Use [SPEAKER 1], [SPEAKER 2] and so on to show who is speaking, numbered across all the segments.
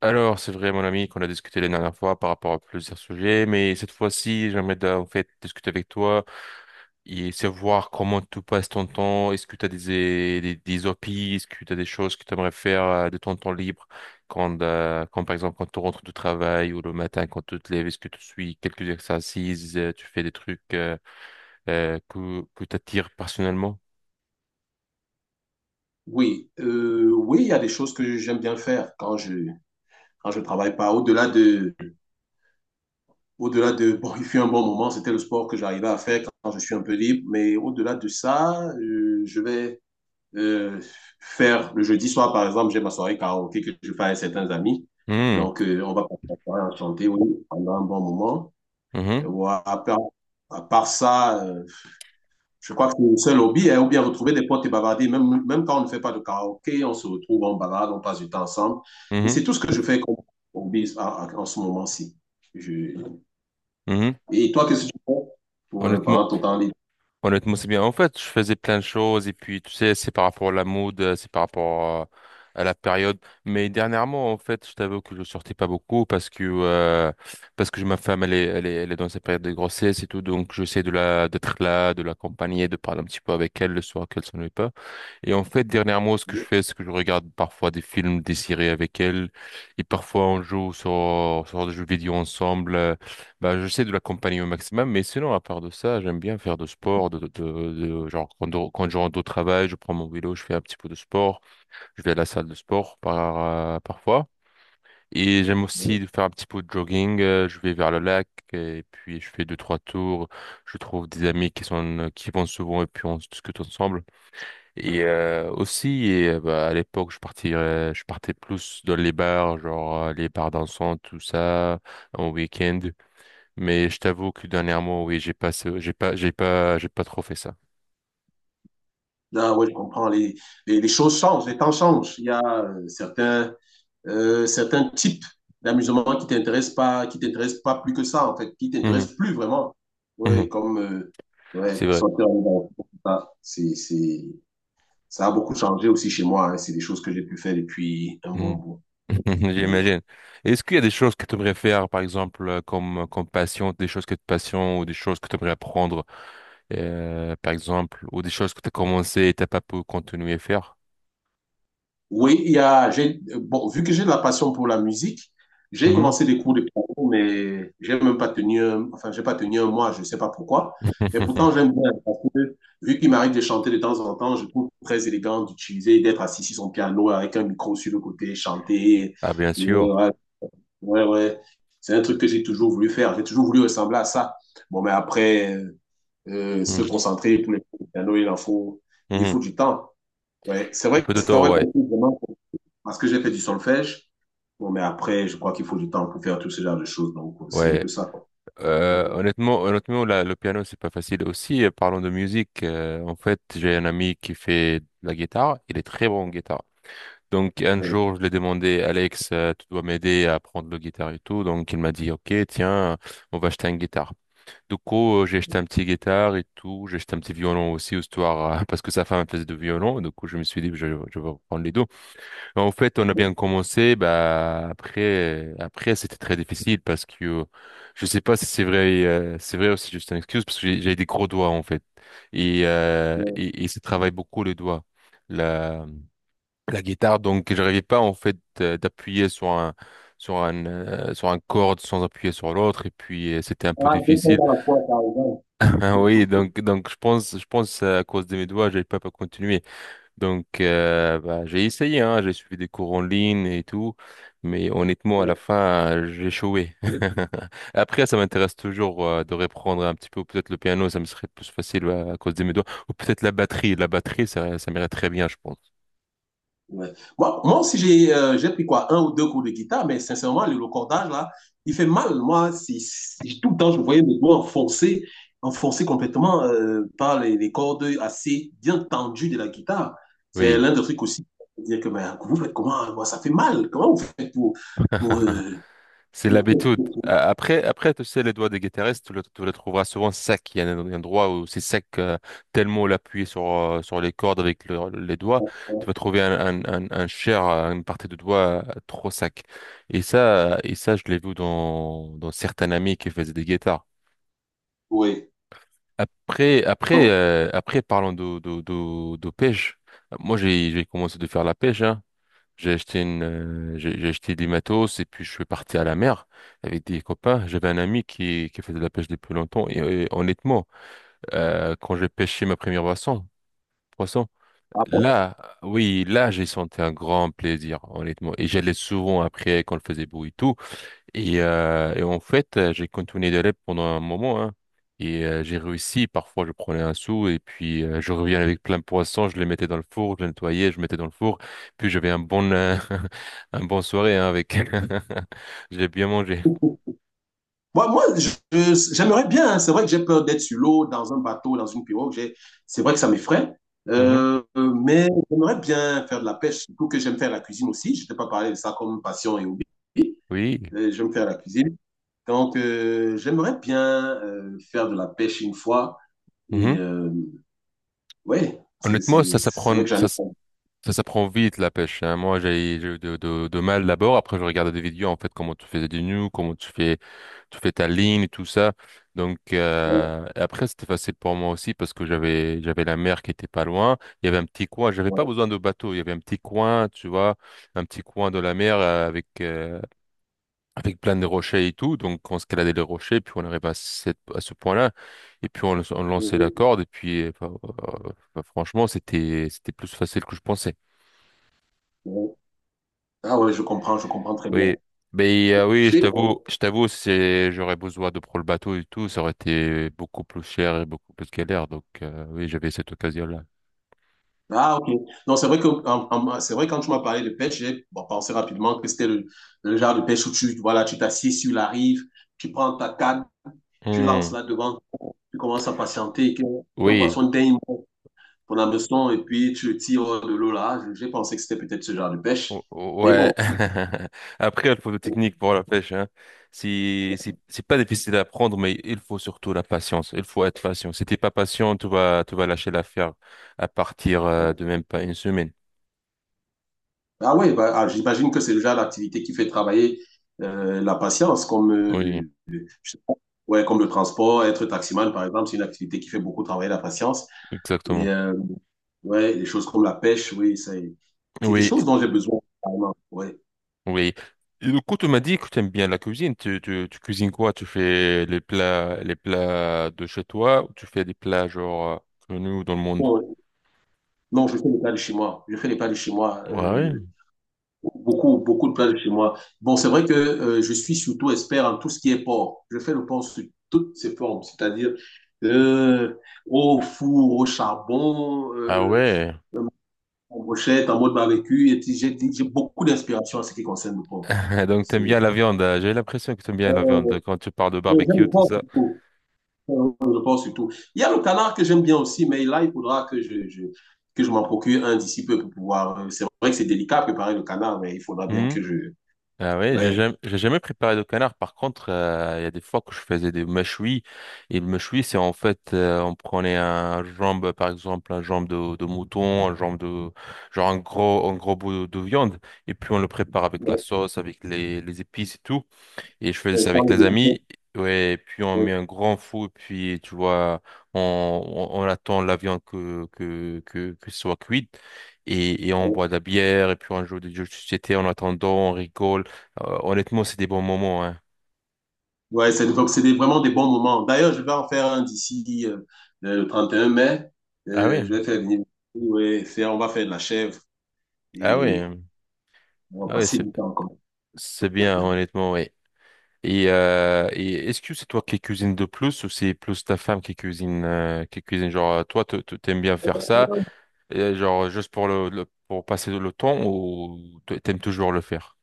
[SPEAKER 1] Alors, c'est vrai, mon ami, qu'on a discuté la dernière fois par rapport à plusieurs sujets, mais cette fois-ci, j'aimerais en fait discuter avec toi et savoir comment tu passes ton temps. Est-ce que tu as des hobbies? Est-ce que tu as des choses que tu aimerais faire de ton temps libre quand, par exemple, quand tu rentres du travail ou le matin quand tu te lèves, est-ce que tu suis quelques exercices, tu fais des trucs que t'attires personnellement?
[SPEAKER 2] Oui, oui, il y a des choses que j'aime bien faire quand je travaille pas. Au-delà de bon, il fut un bon moment, c'était le sport que j'arrivais à faire quand je suis un peu libre. Mais au-delà de ça, je vais euh, faire le jeudi soir, par exemple, j'ai ma soirée karaoké que je fais avec certains amis.
[SPEAKER 1] Hmm,
[SPEAKER 2] Donc, on va passer la soirée à chanter, oui, pendant un bon moment.
[SPEAKER 1] mhm.
[SPEAKER 2] Et voilà, à part ça, je crois que c'est le seul hobby, hein, ou bien retrouver des potes et bavarder. Même, même quand on ne fait pas de karaoké, on se retrouve, on balade, on passe du temps ensemble. Et
[SPEAKER 1] mhm,
[SPEAKER 2] c'est tout ce que je fais comme hobby en ce moment-ci. Je-
[SPEAKER 1] mhm.
[SPEAKER 2] Et toi, qu'est-ce que tu fais pour,
[SPEAKER 1] Honnêtement,
[SPEAKER 2] pendant ton temps libre?
[SPEAKER 1] honnêtement, c'est bien. En fait, je faisais plein de choses et puis, tu sais, c'est par rapport à la mode, c'est par rapport à la période. Mais dernièrement, en fait, je t'avoue que je sortais pas beaucoup parce que ma femme, elle est dans sa période de grossesse et tout, donc j'essaie de la d'être là, de l'accompagner, de parler un petit peu avec elle le soir qu'elle s'ennuie pas. Et en fait, dernièrement, ce que je fais, c'est que je regarde parfois des films, des séries avec elle, et parfois on joue sur des jeux vidéo ensemble. J'essaie de l'accompagner au maximum, mais sinon, à part de ça, j'aime bien faire de sport, genre quand je rentre au travail, je prends mon vélo, je fais un petit peu de sport, je vais à la salle de sport par, parfois. Et j'aime aussi faire un petit peu de jogging, je vais vers le lac, et puis je fais deux, trois tours, je trouve des amis qui sont, qui vont souvent, et puis on discute ensemble. Et à l'époque, je partais plus dans les bars, genre les bars dansants, tout ça, en week-end. Mais je t'avoue que dernièrement, oui, j'ai pas, ce- j'ai pas, j'ai pas, j'ai pas trop fait ça.
[SPEAKER 2] Ah ouais, je comprends. Les choses changent, les temps changent. Il y a certains types d'amusement qui t'intéressent pas plus que ça, en fait, qui
[SPEAKER 1] Mhm,
[SPEAKER 2] t'intéressent plus vraiment.
[SPEAKER 1] mhm,
[SPEAKER 2] Ouais, comme
[SPEAKER 1] c'est
[SPEAKER 2] ouais,
[SPEAKER 1] vrai.
[SPEAKER 2] sortir en dehors, tout ça, ça a beaucoup changé aussi chez moi, hein. C'est des choses que j'ai pu faire depuis un bon
[SPEAKER 1] Mhm.
[SPEAKER 2] bout. Oui, oui.
[SPEAKER 1] J'imagine. Est-ce qu'il y a des choses que tu aimerais faire, par exemple, comme passion, des choses que tu passions ou des choses que tu aimerais apprendre, par exemple, ou des choses que tu as commencé et t'as pas pu continuer à faire?
[SPEAKER 2] Oui, il y a, j'ai, bon, vu que j'ai de la passion pour la musique, j'ai
[SPEAKER 1] Mhm.
[SPEAKER 2] commencé des cours de piano, mais j'ai même pas tenu, enfin, j'ai pas tenu un mois, je sais pas pourquoi. Mais pourtant, j'aime bien, parce que vu qu'il m'arrive de chanter de temps en temps, je trouve très élégant d'utiliser, d'être assis sur son piano avec un micro sur le côté, chanter.
[SPEAKER 1] Ah, bien
[SPEAKER 2] Ouais,
[SPEAKER 1] sûr.
[SPEAKER 2] ouais, ouais. C'est un truc que j'ai toujours voulu faire. J'ai toujours voulu ressembler à ça. Bon, mais après, se
[SPEAKER 1] Mhm.
[SPEAKER 2] concentrer pour les cours de piano, il en faut, il
[SPEAKER 1] Mhm.
[SPEAKER 2] faut du temps. Ouais. C'est
[SPEAKER 1] Un
[SPEAKER 2] vrai que
[SPEAKER 1] peu de
[SPEAKER 2] c'est un
[SPEAKER 1] temps,
[SPEAKER 2] vrai
[SPEAKER 1] ouais.
[SPEAKER 2] vraiment, parce que j'ai fait du solfège. Bon, mais après, je crois qu'il faut du temps pour faire tout ce genre de choses. Donc, c'est un
[SPEAKER 1] Ouais.
[SPEAKER 2] peu ça, quoi. Bon.
[SPEAKER 1] Honnêtement, le piano, c'est pas facile. Aussi, parlons de musique. En fait, j'ai un ami qui fait de la guitare. Il est très bon en guitare. Donc un jour, je lui ai demandé, Alex, tu dois m'aider à apprendre le guitare et tout. Donc il m'a dit, OK, tiens, on va acheter une guitare. Du coup, j'ai acheté un petit guitare et tout. J'ai acheté un petit violon aussi, histoire, parce que sa femme faisait du violon. Du coup, je me suis dit, je vais prendre les deux. En fait, on a
[SPEAKER 2] Bon.
[SPEAKER 1] bien commencé. Bah, après, c'était très difficile parce que je sais pas si c'est vrai, c'est vrai aussi juste une excuse parce que j'ai des gros doigts, en fait. Et,
[SPEAKER 2] Bon.
[SPEAKER 1] et ça travaille beaucoup les doigts. Là La guitare, donc j'arrivais pas en fait d'appuyer sur un sur un corde sans appuyer sur l'autre et puis c'était un peu
[SPEAKER 2] Ah, deux temps
[SPEAKER 1] difficile.
[SPEAKER 2] à la fois, par exemple.
[SPEAKER 1] Ah oui, donc je pense à cause de mes doigts, j'ai pas continué. Donc bah, j'ai essayé hein, j'ai suivi des cours en ligne et tout, mais honnêtement à la
[SPEAKER 2] Ouais.
[SPEAKER 1] fin j'ai échoué. Après ça m'intéresse toujours de reprendre un petit peu peut-être le piano, ça me serait plus facile ouais, à cause de mes doigts ou peut-être la batterie ça m'irait très bien je pense.
[SPEAKER 2] Ouais. Moi aussi, j'ai pris quoi, un ou deux cours de guitare, mais sincèrement, le cordage, là, il fait mal. Moi, si c'est- tout le temps, je voyais mes doigts enfoncés, enfoncés complètement par les cordes assez bien tendues de la guitare. C'est
[SPEAKER 1] Oui.
[SPEAKER 2] l'un des trucs aussi. Dire que, ben, vous faites comment? Moi, ça fait mal. Comment vous faites pour... pour euh,
[SPEAKER 1] C'est l'habitude. Après, après, tu sais, les doigts des guitaristes, tu le trouveras souvent sec. Il y a un endroit où c'est sec, tellement l'appuyer sur, sur les cordes avec les doigts, tu vas trouver un chair, une partie de doigt trop sec. Et ça, je l'ai vu dans certains amis qui faisaient des guitares.
[SPEAKER 2] Oui. Non.
[SPEAKER 1] Après, parlons de, de pêche. Moi, j'ai commencé de faire la pêche, hein. J'ai acheté une, j'ai acheté des matos et puis je suis parti à la mer avec des copains. J'avais un ami qui faisait de la pêche depuis longtemps et, honnêtement, quand j'ai pêché ma première poisson,
[SPEAKER 2] Ah bon.
[SPEAKER 1] là, oui, là, j'ai senti un grand plaisir, honnêtement. Et j'allais souvent après quand il faisait beau et tout. Et, en fait, j'ai continué d'élève pendant un moment, hein. Et j'ai réussi. Parfois, je prenais un sou et puis je reviens avec plein de poissons. Je les mettais dans le four, je les nettoyais, je mettais dans le four. Puis j'avais un bon, un bon soirée hein, avec. J'ai bien mangé.
[SPEAKER 2] Moi j'aimerais bien, hein. C'est vrai que j'ai peur d'être sur l'eau, dans un bateau, dans une pirogue. C'est vrai que ça m'effraie.
[SPEAKER 1] Mhm.
[SPEAKER 2] Mais j'aimerais bien faire de la pêche, surtout que j'aime faire la cuisine aussi. Je t'ai pas parlé de ça comme passion et hobby.
[SPEAKER 1] Oui.
[SPEAKER 2] J'aime faire la cuisine. Donc, j'aimerais bien faire de la pêche une fois. Et
[SPEAKER 1] Mhm.
[SPEAKER 2] ouais,
[SPEAKER 1] Honnêtement, ça
[SPEAKER 2] c'est vrai
[SPEAKER 1] s'apprend,
[SPEAKER 2] que j'en
[SPEAKER 1] ça.
[SPEAKER 2] ai.
[SPEAKER 1] Ça prend vite la pêche. Hein. Moi, j'ai eu de, de mal d'abord. Après, je regardais des vidéos en fait comment tu fais des nœuds, comment tu fais ta ligne et tout ça. Donc
[SPEAKER 2] Ouais,
[SPEAKER 1] après, c'était facile pour moi aussi parce que j'avais la mer qui était pas loin. Il y avait un petit coin. J'avais pas
[SPEAKER 2] ouais,
[SPEAKER 1] besoin de bateau. Il y avait un petit coin, tu vois, un petit coin de la mer avec plein de rochers et tout. Donc on escaladait les rochers, puis on arrivait à à ce point-là. Et puis on lançait la
[SPEAKER 2] ouais,
[SPEAKER 1] corde. Et puis enfin, franchement, c'était plus facile que je pensais.
[SPEAKER 2] ouais. Ah ouais, je comprends très bien.
[SPEAKER 1] Oui, mais oui, je t'avoue, c'est j'aurais besoin de prendre le bateau et tout, ça aurait été beaucoup plus cher et beaucoup plus galère. Donc oui, j'avais cette occasion-là.
[SPEAKER 2] Ah, ok. Non, c'est vrai que, c'est vrai, quand tu m'as parlé de pêche, j'ai bon, pensé rapidement que c'était le genre de pêche où tu, voilà, tu t'assieds sur la rive, tu prends ta canne, tu lances
[SPEAKER 1] Hmm,
[SPEAKER 2] là devant, tu commences à patienter, que ton
[SPEAKER 1] oui,
[SPEAKER 2] poisson daigne ton hameçon, et puis tu le tires hors de l'eau là. J'ai pensé que c'était peut-être ce genre de pêche. Mais
[SPEAKER 1] Ouais.
[SPEAKER 2] bon.
[SPEAKER 1] Après, il faut de technique pour la pêche, hein. Si c'est pas difficile à apprendre, mais il faut surtout la patience. Il faut être patient. Si t'es pas patient, tu vas lâcher l'affaire à partir de même pas une semaine.
[SPEAKER 2] Ah ouais, bah, ah, j'imagine que c'est le genre d'activité qui fait travailler la patience, comme,
[SPEAKER 1] Oui,
[SPEAKER 2] je sais pas, ouais, comme le transport, être taximan, par exemple, c'est une activité qui fait beaucoup travailler la patience. Et,
[SPEAKER 1] exactement.
[SPEAKER 2] ouais, les choses comme la pêche, oui, ça, c'est des
[SPEAKER 1] Oui,
[SPEAKER 2] choses dont j'ai besoin, carrément. Ouais.
[SPEAKER 1] oui. Et du coup, tu m'as dit que tu aimes bien la cuisine. Tu cuisines quoi? Tu fais les plats de chez toi ou tu fais des plats genre connus dans le monde?
[SPEAKER 2] Bon, non, je fais les plats de chez moi. Je fais les plats de chez moi.
[SPEAKER 1] Ah ouais.
[SPEAKER 2] Beaucoup, beaucoup de plats de chez moi. Bon, c'est vrai que je suis surtout expert en tout ce qui est porc. Je fais le porc sous toutes ses formes, c'est-à-dire euh, au four, au charbon,
[SPEAKER 1] Ah ouais.
[SPEAKER 2] en brochette, en mode barbecue. Et puis, j'ai beaucoup d'inspiration en ce qui concerne le porc.
[SPEAKER 1] Donc, t'aimes
[SPEAKER 2] C'est,
[SPEAKER 1] bien la viande. Hein. J'ai l'impression que t'aimes bien la viande
[SPEAKER 2] euh,
[SPEAKER 1] quand tu parles de
[SPEAKER 2] ouais, j'aime
[SPEAKER 1] barbecue,
[SPEAKER 2] le
[SPEAKER 1] tout
[SPEAKER 2] porc
[SPEAKER 1] ça.
[SPEAKER 2] surtout. Je pense surtout. Il y a le canard que j'aime bien aussi, mais là, il faudra que je que je m'en procure un d'ici peu pour pouvoir, c'est vrai que c'est délicat à préparer le canard, mais il faudra bien que je.
[SPEAKER 1] Ah oui,
[SPEAKER 2] Ouais.
[SPEAKER 1] j'ai jamais préparé de canard. Par contre, il y a des fois que je faisais des mâchouis. Et le mâchoui, c'est en fait, on prenait un jambe, par exemple, un jambe de mouton, un jambe de, genre un gros bout de viande. Et puis on le prépare avec la
[SPEAKER 2] Ouais,
[SPEAKER 1] sauce, avec les épices et tout. Et je faisais
[SPEAKER 2] ouais,
[SPEAKER 1] ça avec les amis. Ouais, et puis on
[SPEAKER 2] ouais,
[SPEAKER 1] met un grand fou, puis tu vois, on attend la viande que, que ce soit cuite. Et on
[SPEAKER 2] ouais.
[SPEAKER 1] boit de la bière, et puis on joue des jeux de société en attendant, on rigole. Honnêtement, c'est des bons moments, hein.
[SPEAKER 2] Ouais, c'est donc vraiment des bons moments. D'ailleurs, je vais en faire un d'ici le 31 mai.
[SPEAKER 1] Ah oui,
[SPEAKER 2] Je vais faire venir. Ouais, on va faire de la chèvre
[SPEAKER 1] ah oui,
[SPEAKER 2] et on va
[SPEAKER 1] ah oui,
[SPEAKER 2] passer du temps comme.
[SPEAKER 1] c'est bien, honnêtement, oui. Et est-ce que c'est toi qui cuisines de plus ou c'est plus ta femme qui cuisine, qui cuisine? Genre, toi, t'aimes bien faire ça. Et genre juste pour pour passer le temps ou t'aimes toujours le faire?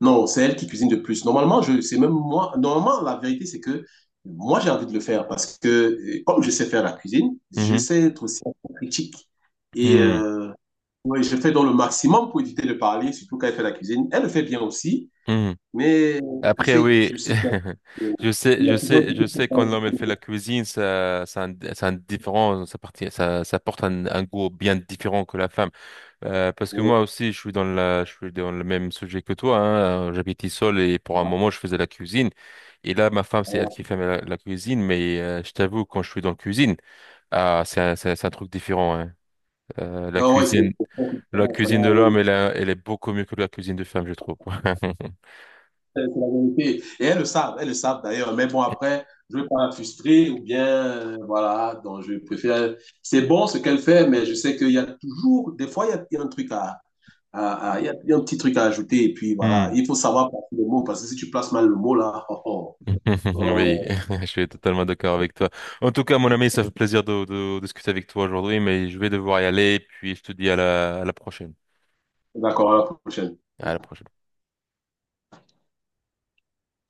[SPEAKER 2] Non, c'est elle qui cuisine de plus. Normalement, je c'est même moi. Normalement, la vérité, c'est que moi, j'ai envie de le faire parce que, comme je sais faire la cuisine, je
[SPEAKER 1] Mhm.
[SPEAKER 2] sais être aussi critique. Et
[SPEAKER 1] Mhm.
[SPEAKER 2] ouais, je fais dans le maximum pour éviter de parler, surtout quand elle fait la cuisine. Elle le fait bien aussi,
[SPEAKER 1] Mhm.
[SPEAKER 2] mais
[SPEAKER 1] Après oui,
[SPEAKER 2] je sais qu'il y a il y a toujours quelque
[SPEAKER 1] je sais
[SPEAKER 2] chose
[SPEAKER 1] quand l'homme
[SPEAKER 2] à
[SPEAKER 1] elle fait la cuisine, ça a un différent, ça, ça porte un goût bien différent que la femme. Parce que moi aussi, je suis dans je suis dans le même sujet que toi. Hein. J'habitais seul et pour un moment, je faisais la cuisine. Et là, ma femme, c'est elle
[SPEAKER 2] faire.
[SPEAKER 1] qui fait la cuisine, mais je t'avoue, quand je suis dans la cuisine, ah, c'est un, c'est un truc différent. Hein. Euh, la
[SPEAKER 2] Ah ouais, c'est.
[SPEAKER 1] cuisine, la cuisine de l'homme, elle, elle est beaucoup mieux que la cuisine de femme, je trouve.
[SPEAKER 2] C'est la vérité. Et elles le savent d'ailleurs. Mais bon, après, je ne veux pas la frustrer ou bien, voilà, donc je préfère. C'est bon ce qu'elle fait, mais je sais qu'il y a toujours, des fois, il y a un truc à, il y a un petit truc à ajouter. Et puis, voilà,
[SPEAKER 1] Hmm.
[SPEAKER 2] il faut savoir placer le mot, parce que si tu places mal le mot, là, oh, oh,
[SPEAKER 1] Oui,
[SPEAKER 2] oh.
[SPEAKER 1] je suis totalement d'accord avec toi. En tout cas, mon ami, ça fait plaisir de discuter avec toi aujourd'hui, mais je vais devoir y aller, puis je te dis à à la prochaine.
[SPEAKER 2] D'accord, à la prochaine.
[SPEAKER 1] À la prochaine.